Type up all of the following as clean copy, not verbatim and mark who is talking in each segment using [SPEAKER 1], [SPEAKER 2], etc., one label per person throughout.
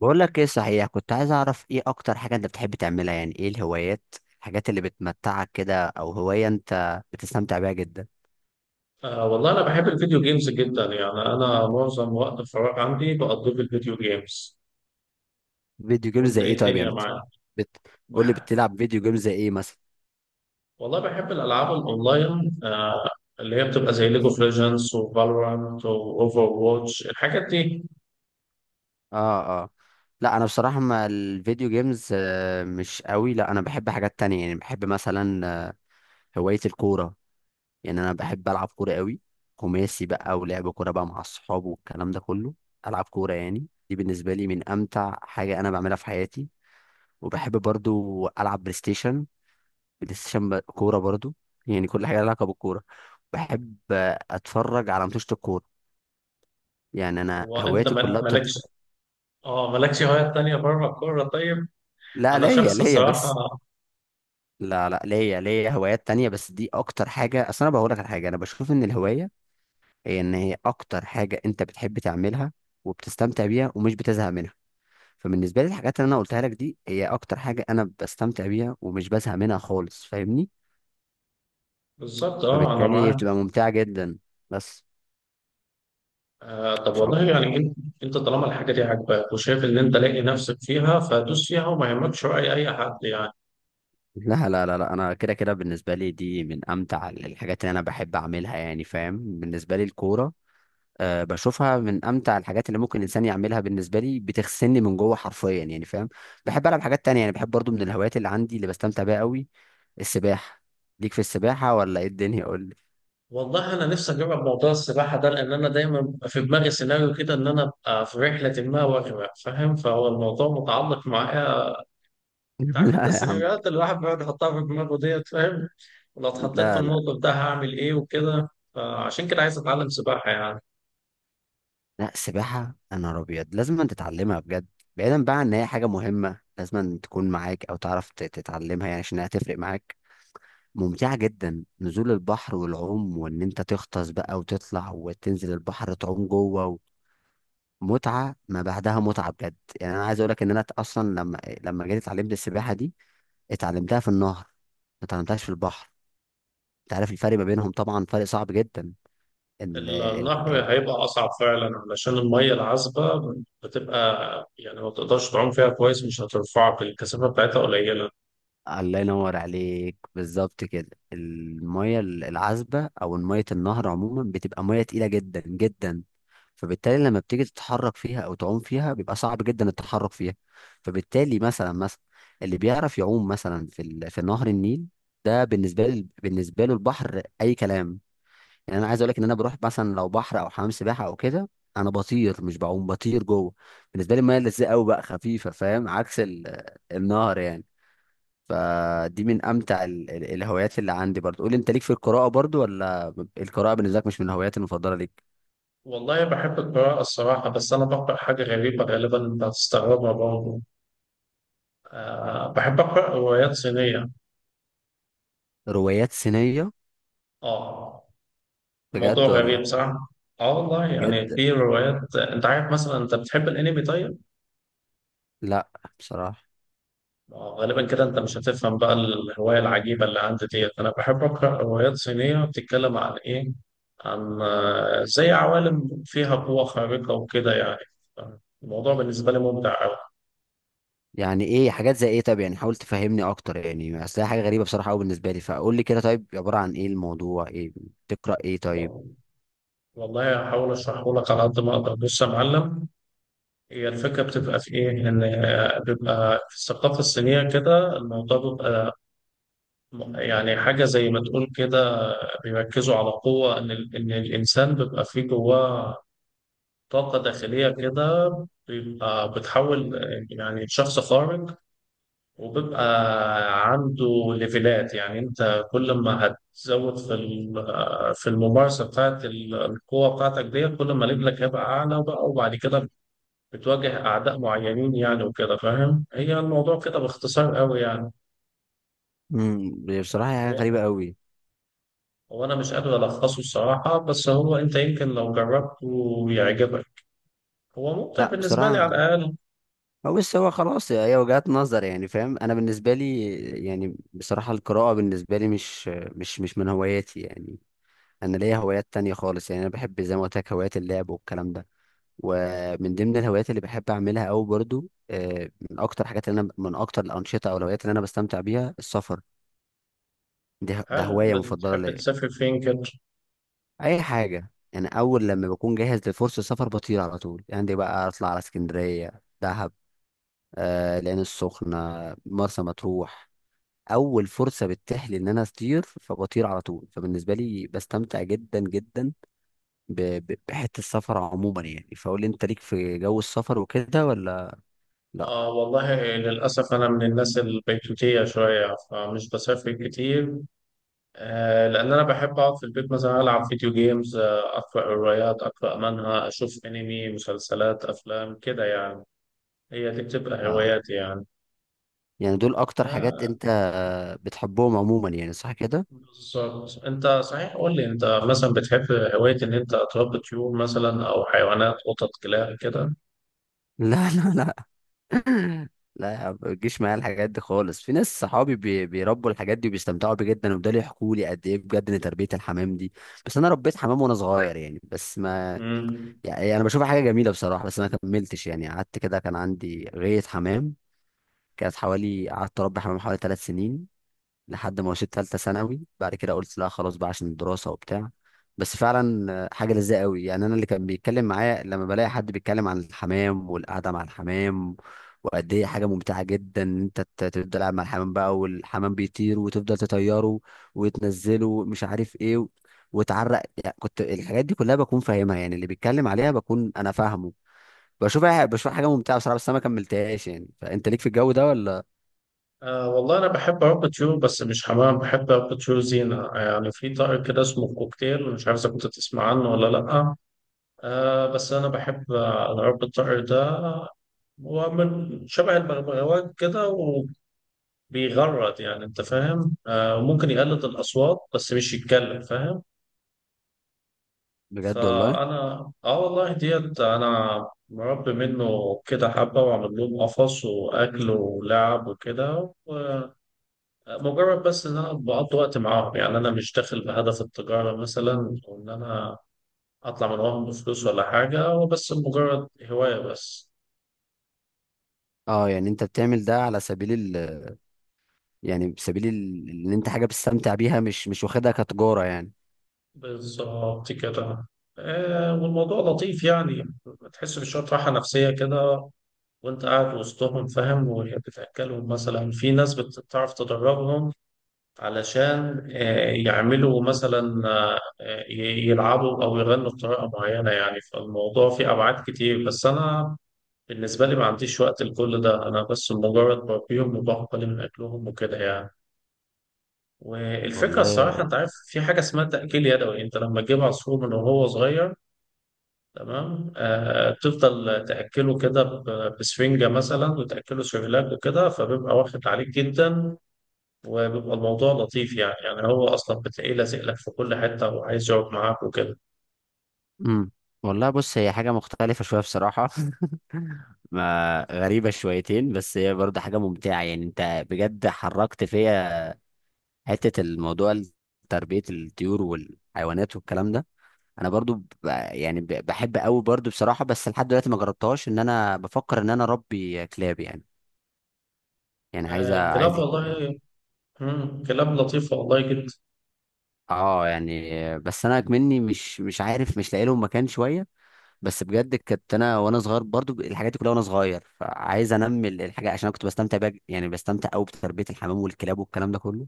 [SPEAKER 1] بقول لك ايه؟ صحيح كنت عايز اعرف ايه اكتر حاجة انت بتحب تعملها؟ يعني ايه الهوايات، الحاجات اللي بتمتعك كده، او هواية انت بتستمتع بيها جدا؟
[SPEAKER 2] والله أنا بحب الفيديو جيمز جدا. يعني أنا معظم وقت الفراغ عندي بقضيه في الفيديو جيمز.
[SPEAKER 1] فيديو جيمز
[SPEAKER 2] وأنت
[SPEAKER 1] زي ايه؟
[SPEAKER 2] إيه
[SPEAKER 1] طيب
[SPEAKER 2] الدنيا
[SPEAKER 1] يعني
[SPEAKER 2] معاك؟
[SPEAKER 1] بت... قول لي،
[SPEAKER 2] بح...
[SPEAKER 1] بتلعب فيديو جيمز زي ايه مثلا؟
[SPEAKER 2] والله بحب الألعاب الأونلاين. اللي هي بتبقى زي ليج اوف ليجندز وفالورانت وأوفر واتش الحاجات دي.
[SPEAKER 1] اه اه. لا انا بصراحة ما الفيديو جيمز مش قوي. لا انا بحب حاجات تانية يعني، بحب مثلا هواية الكورة. يعني انا بحب العب كورة قوي، خماسي بقى، ولعب كورة بقى مع الصحاب والكلام ده كله. العب كورة، يعني دي بالنسبة لي من امتع حاجة انا بعملها في حياتي. وبحب برضو العب بلاي ستيشن، بلاي ستيشن كوره برضو. يعني كل حاجه لها علاقه بالكوره بحب اتفرج على ماتشات الكوره. يعني انا
[SPEAKER 2] وأنت
[SPEAKER 1] هواياتي
[SPEAKER 2] ما-
[SPEAKER 1] كلها
[SPEAKER 2] مالكش، مالكش هوايات تانية بره الكورة طيب؟
[SPEAKER 1] لا،
[SPEAKER 2] أنا
[SPEAKER 1] ليا
[SPEAKER 2] شخص
[SPEAKER 1] ليا
[SPEAKER 2] الصراحة.
[SPEAKER 1] بس. لا لا ليا هوايات تانية، بس دي اكتر حاجه. اصل انا بقول لك على حاجه، انا بشوف ان الهوايه هي، ان هي اكتر حاجه انت بتحب تعملها وبتستمتع بيها ومش بتزهق منها. فبالنسبه لي الحاجات اللي انا قلتها لك دي هي اكتر حاجه انا بستمتع بيها ومش بزهق منها خالص، فاهمني؟
[SPEAKER 2] بالظبط، آه، أنا
[SPEAKER 1] فبالتالي
[SPEAKER 2] معاك.
[SPEAKER 1] بتبقى ممتعه جدا، بس
[SPEAKER 2] آه، طب
[SPEAKER 1] مش
[SPEAKER 2] والله
[SPEAKER 1] اكتر.
[SPEAKER 2] يعني أنت طالما الحاجة دي عاجباك وشايف إن أنت لاقي نفسك فيها فدوس فيها وما يهمكش رأي أي حد يعني.
[SPEAKER 1] لا، انا كده كده بالنسبه لي دي من امتع الحاجات اللي انا بحب اعملها، يعني فاهم؟ بالنسبه لي الكوره، أه، بشوفها من امتع الحاجات اللي ممكن الانسان يعملها. بالنسبه لي بتغسلني من جوه حرفيا، يعني فاهم. بحب العب حاجات تانية، يعني بحب برضو من الهوايات اللي عندي اللي بستمتع بيها قوي السباحه. ليك في السباحه ولا ايه الدنيا؟ قول لي.
[SPEAKER 2] والله انا نفسي اجرب موضوع السباحه ده، لان انا دايما بيبقى في دماغي سيناريو كده ان انا ابقى في رحله ما واغرق، فاهم؟ فهو الموضوع متعلق معايا. أنت عارف انت
[SPEAKER 1] لا يا عم.
[SPEAKER 2] السيناريوهات اللي الواحد بيقعد يحطها في دماغه ديت، فاهم؟ ولو اتحطيت في
[SPEAKER 1] لا لا
[SPEAKER 2] الموقف ده هعمل ايه وكده. فعشان كده عايز اتعلم سباحه يعني.
[SPEAKER 1] لا، السباحه يا نهار ابيض لازم أن تتعلمها بجد. بعيدا بقى عن ان هي حاجه مهمه لازم أن تكون معاك او تعرف تتعلمها، يعني عشان هتفرق معاك. ممتعة جدا نزول البحر والعوم، وان انت تغطس بقى وتطلع وتنزل البحر تعوم جوه، متعة ما بعدها متعة بجد. يعني انا عايز اقولك ان انا اصلا لما جيت اتعلمت السباحة دي، اتعلمتها في النهر، ما اتعلمتهاش في البحر. انت عارف الفرق ما بينهم طبعا، فرق صعب جدا. ال... ال... ال...
[SPEAKER 2] النهر هيبقى اصعب فعلا علشان الميه العذبه بتبقى، يعني ما تقدرش تعوم فيها كويس، مش هترفعك، الكثافه بتاعتها قليله.
[SPEAKER 1] الله ينور عليك بالظبط كده. المية العذبة أو مية النهر عموما بتبقى مية تقيلة جدا. فبالتالي لما بتيجي تتحرك فيها أو تعوم فيها بيبقى صعب جدا التحرك فيها. فبالتالي مثلا اللي بيعرف يعوم مثلا في نهر النيل، ده بالنسبة لي، بالنسبة له البحر أي كلام. يعني أنا عايز أقول لك إن أنا بروح مثلا لو بحر أو حمام سباحة أو كده، أنا بطير مش بعوم، بطير جوه. بالنسبة لي المية لزقة أوي، بقى خفيفة فاهم، عكس النهر يعني. فدي من امتع الهوايات اللي عندي برضو. قول لي انت، ليك في القراءه برضو ولا القراءه بالنسبه لك مش من الهوايات المفضله ليك؟
[SPEAKER 2] والله بحب القراءة الصراحة، بس أنا بقرأ حاجة غريبة غالبا أنت هتستغربها برضه. أه، بحب أقرأ روايات صينية.
[SPEAKER 1] روايات صينيه؟
[SPEAKER 2] أه. موضوع
[SPEAKER 1] بجد ولا؟
[SPEAKER 2] غريب صح؟ أه والله، يعني
[SPEAKER 1] بجد؟
[SPEAKER 2] في روايات، أنت عارف مثلا أنت بتحب الأنمي طيب؟
[SPEAKER 1] لا، بصراحه،
[SPEAKER 2] غالبا كده أنت مش هتفهم بقى الهواية العجيبة اللي عندي ديت. أنا بحب أقرأ روايات صينية بتتكلم عن إيه؟ عن زي عوالم فيها قوة خارقة وكده يعني. الموضوع بالنسبة لي ممتع
[SPEAKER 1] يعني ايه؟ حاجات زي ايه طب؟ يعني حاول تفهمني اكتر، يعني اصل هي حاجه غريبه بصراحه قوي بالنسبه لي، فقول لي كده طيب، عباره عن ايه الموضوع؟ ايه بتقرا ايه طيب؟
[SPEAKER 2] أوي. والله هحاول اشرحه لك على قد ما اقدر. بص يا معلم، هي الفكره بتبقى في ايه، ان بيبقى في الثقافه الصينيه كده الموضوع بيبقى يعني حاجه زي ما تقول كده. بيركزوا على قوه ان ان الانسان بيبقى فيه جواه طاقه داخليه كده، بيبقى بتحول يعني شخص خارق، وبيبقى عنده ليفلات. يعني انت كل ما هتزود في الممارسه القوه بتاعتك دي، كل ما ليفلك هيبقى اعلى بقى. وبعد كده بتواجه اعداء معينين يعني وكده، فاهم؟ هي الموضوع كده باختصار قوي يعني.
[SPEAKER 1] امم، بصراحه هي حاجه
[SPEAKER 2] هو
[SPEAKER 1] غريبه قوي.
[SPEAKER 2] هو انا مش قادر الخصه الصراحه، بس هو انت يمكن لو جربته يعجبك. هو ممتع
[SPEAKER 1] لا
[SPEAKER 2] بالنسبه لي
[SPEAKER 1] بصراحه،
[SPEAKER 2] على الاقل.
[SPEAKER 1] ما بص، هو خلاص هي وجهات نظر، يعني فاهم انا بالنسبه لي، يعني بصراحه القراءه بالنسبه لي مش من هواياتي يعني. انا ليا هوايات تانية خالص، يعني انا بحب زي ما قلت لك هوايات اللعب والكلام ده. ومن ضمن الهوايات اللي بحب اعملها قوي برضو من اكتر حاجات اللي انا، من اكتر الانشطه او الهوايات اللي انا بستمتع بيها السفر. دي ده
[SPEAKER 2] هل
[SPEAKER 1] هوايه مفضله
[SPEAKER 2] بتحب
[SPEAKER 1] ليا.
[SPEAKER 2] تسافر فين كده؟
[SPEAKER 1] اي حاجه يعني، اول لما بكون جاهز لفرصه سفر بطير على طول، يعني دي بقى اطلع على اسكندريه، دهب، آه العين السخنه، مرسى مطروح. اول فرصه بتتيح لي ان انا اطير فبطير على طول، فبالنسبه لي بستمتع جدا. ب- بحته السفر عموما يعني. فقول لي انت، ليك في جو السفر وكده ولا لا؟
[SPEAKER 2] آه والله للأسف أنا من الناس البيتوتية شوية فمش بسافر كتير. آه، لأن أنا بحب أقعد في البيت مثلا ألعب فيديو جيمز، آه أقرأ روايات، أقرأ منها، أشوف أنمي، مسلسلات، أفلام كده يعني. هي دي بتبقى
[SPEAKER 1] آه.
[SPEAKER 2] هواياتي يعني.
[SPEAKER 1] يعني دول اكتر حاجات
[SPEAKER 2] آه،
[SPEAKER 1] انت بتحبهم عموما يعني، صح كده؟
[SPEAKER 2] بالظبط. أنت صحيح، قول لي أنت مثلا بتحب هواية إن أنت تربي طيور مثلا، أو حيوانات، قطط، كلاب كده؟
[SPEAKER 1] لا. لا يا عم، ما تجيش معايا الحاجات دي خالص. في ناس صحابي بيربوا الحاجات دي وبيستمتعوا بيه جدا، وبدأوا يحكوا لي قد ايه بجد ان تربيه الحمام دي. بس انا ربيت حمام وانا صغير يعني، بس ما
[SPEAKER 2] مم.
[SPEAKER 1] يعني انا بشوفها حاجه جميله بصراحه، بس ما كملتش يعني. قعدت كده كان عندي غايه حمام، كانت حوالي، قعدت اربي حمام حوالي 3 سنين، لحد ما وصلت ثالثه ثانوي، بعد كده قلت لا خلاص بقى عشان الدراسه وبتاع. بس فعلا حاجه لذيذه قوي. يعني انا اللي كان بيتكلم معايا لما بلاقي حد بيتكلم عن الحمام والقعده مع الحمام، وقد ايه حاجه ممتعه جدا ان انت تفضل قاعد مع الحمام بقى، والحمام بيطير وتفضل تطيره وتنزله، مش عارف ايه وتعرق، يعني كنت الحاجات دي كلها بكون فاهمها، يعني اللي بيتكلم عليها بكون انا فاهمه. بشوفها حاجه ممتعه بصراحه، بس انا ما كملتهاش يعني. فانت ليك في الجو ده ولا؟
[SPEAKER 2] آه والله أنا بحب عقد يو، بس مش حمام، بحب عقد يو زينة. يعني في طارق كده اسمه كوكتيل، مش عارف إذا كنت تسمع عنه ولا لأ. آه، بس أنا بحب عقد الطارق ده. هو من شبه البغبغاوات كده وبيغرد، يعني أنت فاهم، آه ممكن يقلد الأصوات بس مش يتكلم، فاهم؟
[SPEAKER 1] بجد والله؟
[SPEAKER 2] فأنا آه والله ديت أنا مربي منه كده حبة، وعامل لهم قفص وأكل ولعب وكده. مجرد بس ان انا بقضي وقت معاهم، يعني انا مش داخل بهدف التجاره مثلا، او ان انا اطلع من وراهم بفلوس ولا حاجه، هو بس مجرد هوايه بس.
[SPEAKER 1] اه، يعني انت بتعمل ده على سبيل ال يعني سبيل ال- ان انت حاجه بتستمتع بيها، مش واخدها كتجاره يعني؟
[SPEAKER 2] بالظبط كده. آه، والموضوع لطيف يعني، بتحس بشويه راحه نفسيه كده وانت قاعد وسطهم، فاهم؟ وهي بتاكلهم مثلا. في ناس بتعرف تدربهم علشان آه يعملوا مثلا، يلعبوا او يغنوا بطريقه معينه يعني. فالموضوع فيه ابعاد كتير، بس انا بالنسبة لي ما عنديش وقت لكل ده، أنا بس مجرد بربيهم وباخد بالي من أكلهم وكده يعني. والفكرة
[SPEAKER 1] والله.
[SPEAKER 2] الصراحة أنت عارف في حاجة اسمها تأكيل يدوي، أنت لما تجيب عصفور من وهو صغير، تمام؟ آه، تفضل تأكله كده بسفنجة مثلا، وتأكله سيرلاك وكده، فبيبقى واخد عليك جدا، وبيبقى الموضوع لطيف يعني. يعني هو أصلا بتلاقيه لازق لك في كل حتة وعايز يقعد معاك وكده.
[SPEAKER 1] امم، والله بص هي حاجه مختلفه شويه بصراحه. ما غريبه شويتين، بس هي برضه حاجه ممتعه. يعني انت بجد حركت فيا حته الموضوع تربيه الطيور والحيوانات والكلام ده. انا برضو بحب قوي برضو بصراحه، بس لحد دلوقتي ما جربتهاش، ان انا بفكر ان انا اربي كلاب يعني. يعني عايز
[SPEAKER 2] آه كلاب،
[SPEAKER 1] عايز
[SPEAKER 2] والله مم، كلاب لطيفة والله جدا.
[SPEAKER 1] اه، يعني بس انا مني مش عارف، مش لاقي لهم مكان شويه. بس بجد كنت انا وانا صغير برضو الحاجات دي كلها وانا صغير، فعايز انمي الحاجه عشان انا كنت بستمتع بقى، يعني بستمتع قوي بتربيه الحمام والكلاب والكلام ده كله.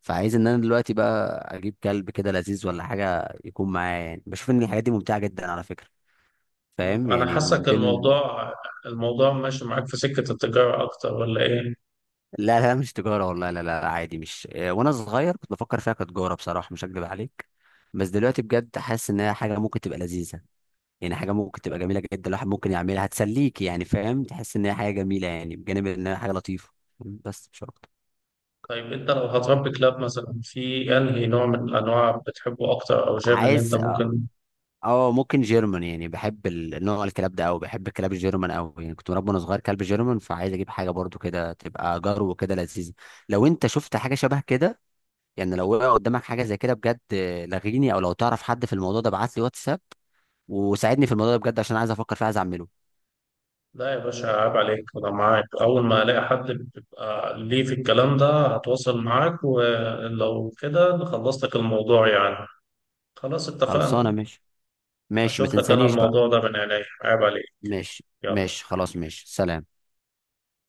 [SPEAKER 1] فعايز ان انا دلوقتي بقى اجيب كلب كده لذيذ ولا حاجه يكون معايا يعني، بشوف ان الحاجات دي ممتعه جدا على فكره، فاهم
[SPEAKER 2] مم. أنا
[SPEAKER 1] يعني، من
[SPEAKER 2] حاسك
[SPEAKER 1] ضمن.
[SPEAKER 2] الموضوع، الموضوع ماشي معاك في سكة التجارة أكتر ولا إيه؟
[SPEAKER 1] لا لا، مش تجاره والله، لا لا، عادي، مش وانا صغير كنت بفكر فيها كتجاره بصراحه، مش هكدب عليك، بس دلوقتي بجد حاسس ان هي حاجه ممكن تبقى لذيذه. يعني حاجه ممكن تبقى جميله جدا الواحد ممكن يعملها، هتسليك يعني فاهم، تحس ان هي حاجه جميله، يعني بجانب ان هي حاجه لطيفه، بس مش اكتر.
[SPEAKER 2] طيب أنت لو هتربي كلاب مثلا، في أنهي نوع من الأنواع بتحبه أكتر، أو شايف إن أنت
[SPEAKER 1] عايز
[SPEAKER 2] ممكن؟
[SPEAKER 1] اه، ممكن جيرمان، يعني بحب نوع الكلاب ده قوي، بحب الكلاب الجيرمان قوي. يعني كنت مربي وانا صغير كلب جيرمان، فعايز اجيب حاجه برضو كده تبقى جرو كده لذيذه. لو انت شفت حاجه شبه كده يعني، لو وقع قدامك حاجه زي كده بجد لغيني، او لو تعرف حد في الموضوع ده ابعت لي واتساب وساعدني في الموضوع ده بجد، عشان عايز افكر فيه، عايز اعمله.
[SPEAKER 2] لا يا باشا عيب عليك، أنا معاك. أول ما ألاقي حد بيبقى ليه في الكلام ده هتواصل معاك، ولو كده خلصت لك الموضوع يعني. خلاص اتفقنا.
[SPEAKER 1] خلصانه، ماشي. ماشي، ما
[SPEAKER 2] هشوف لك أنا
[SPEAKER 1] تنسانيش بقى.
[SPEAKER 2] الموضوع ده من عينيا. عيب عليك.
[SPEAKER 1] ماشي
[SPEAKER 2] يلا.
[SPEAKER 1] ماشي، خلاص، ماشي، سلام.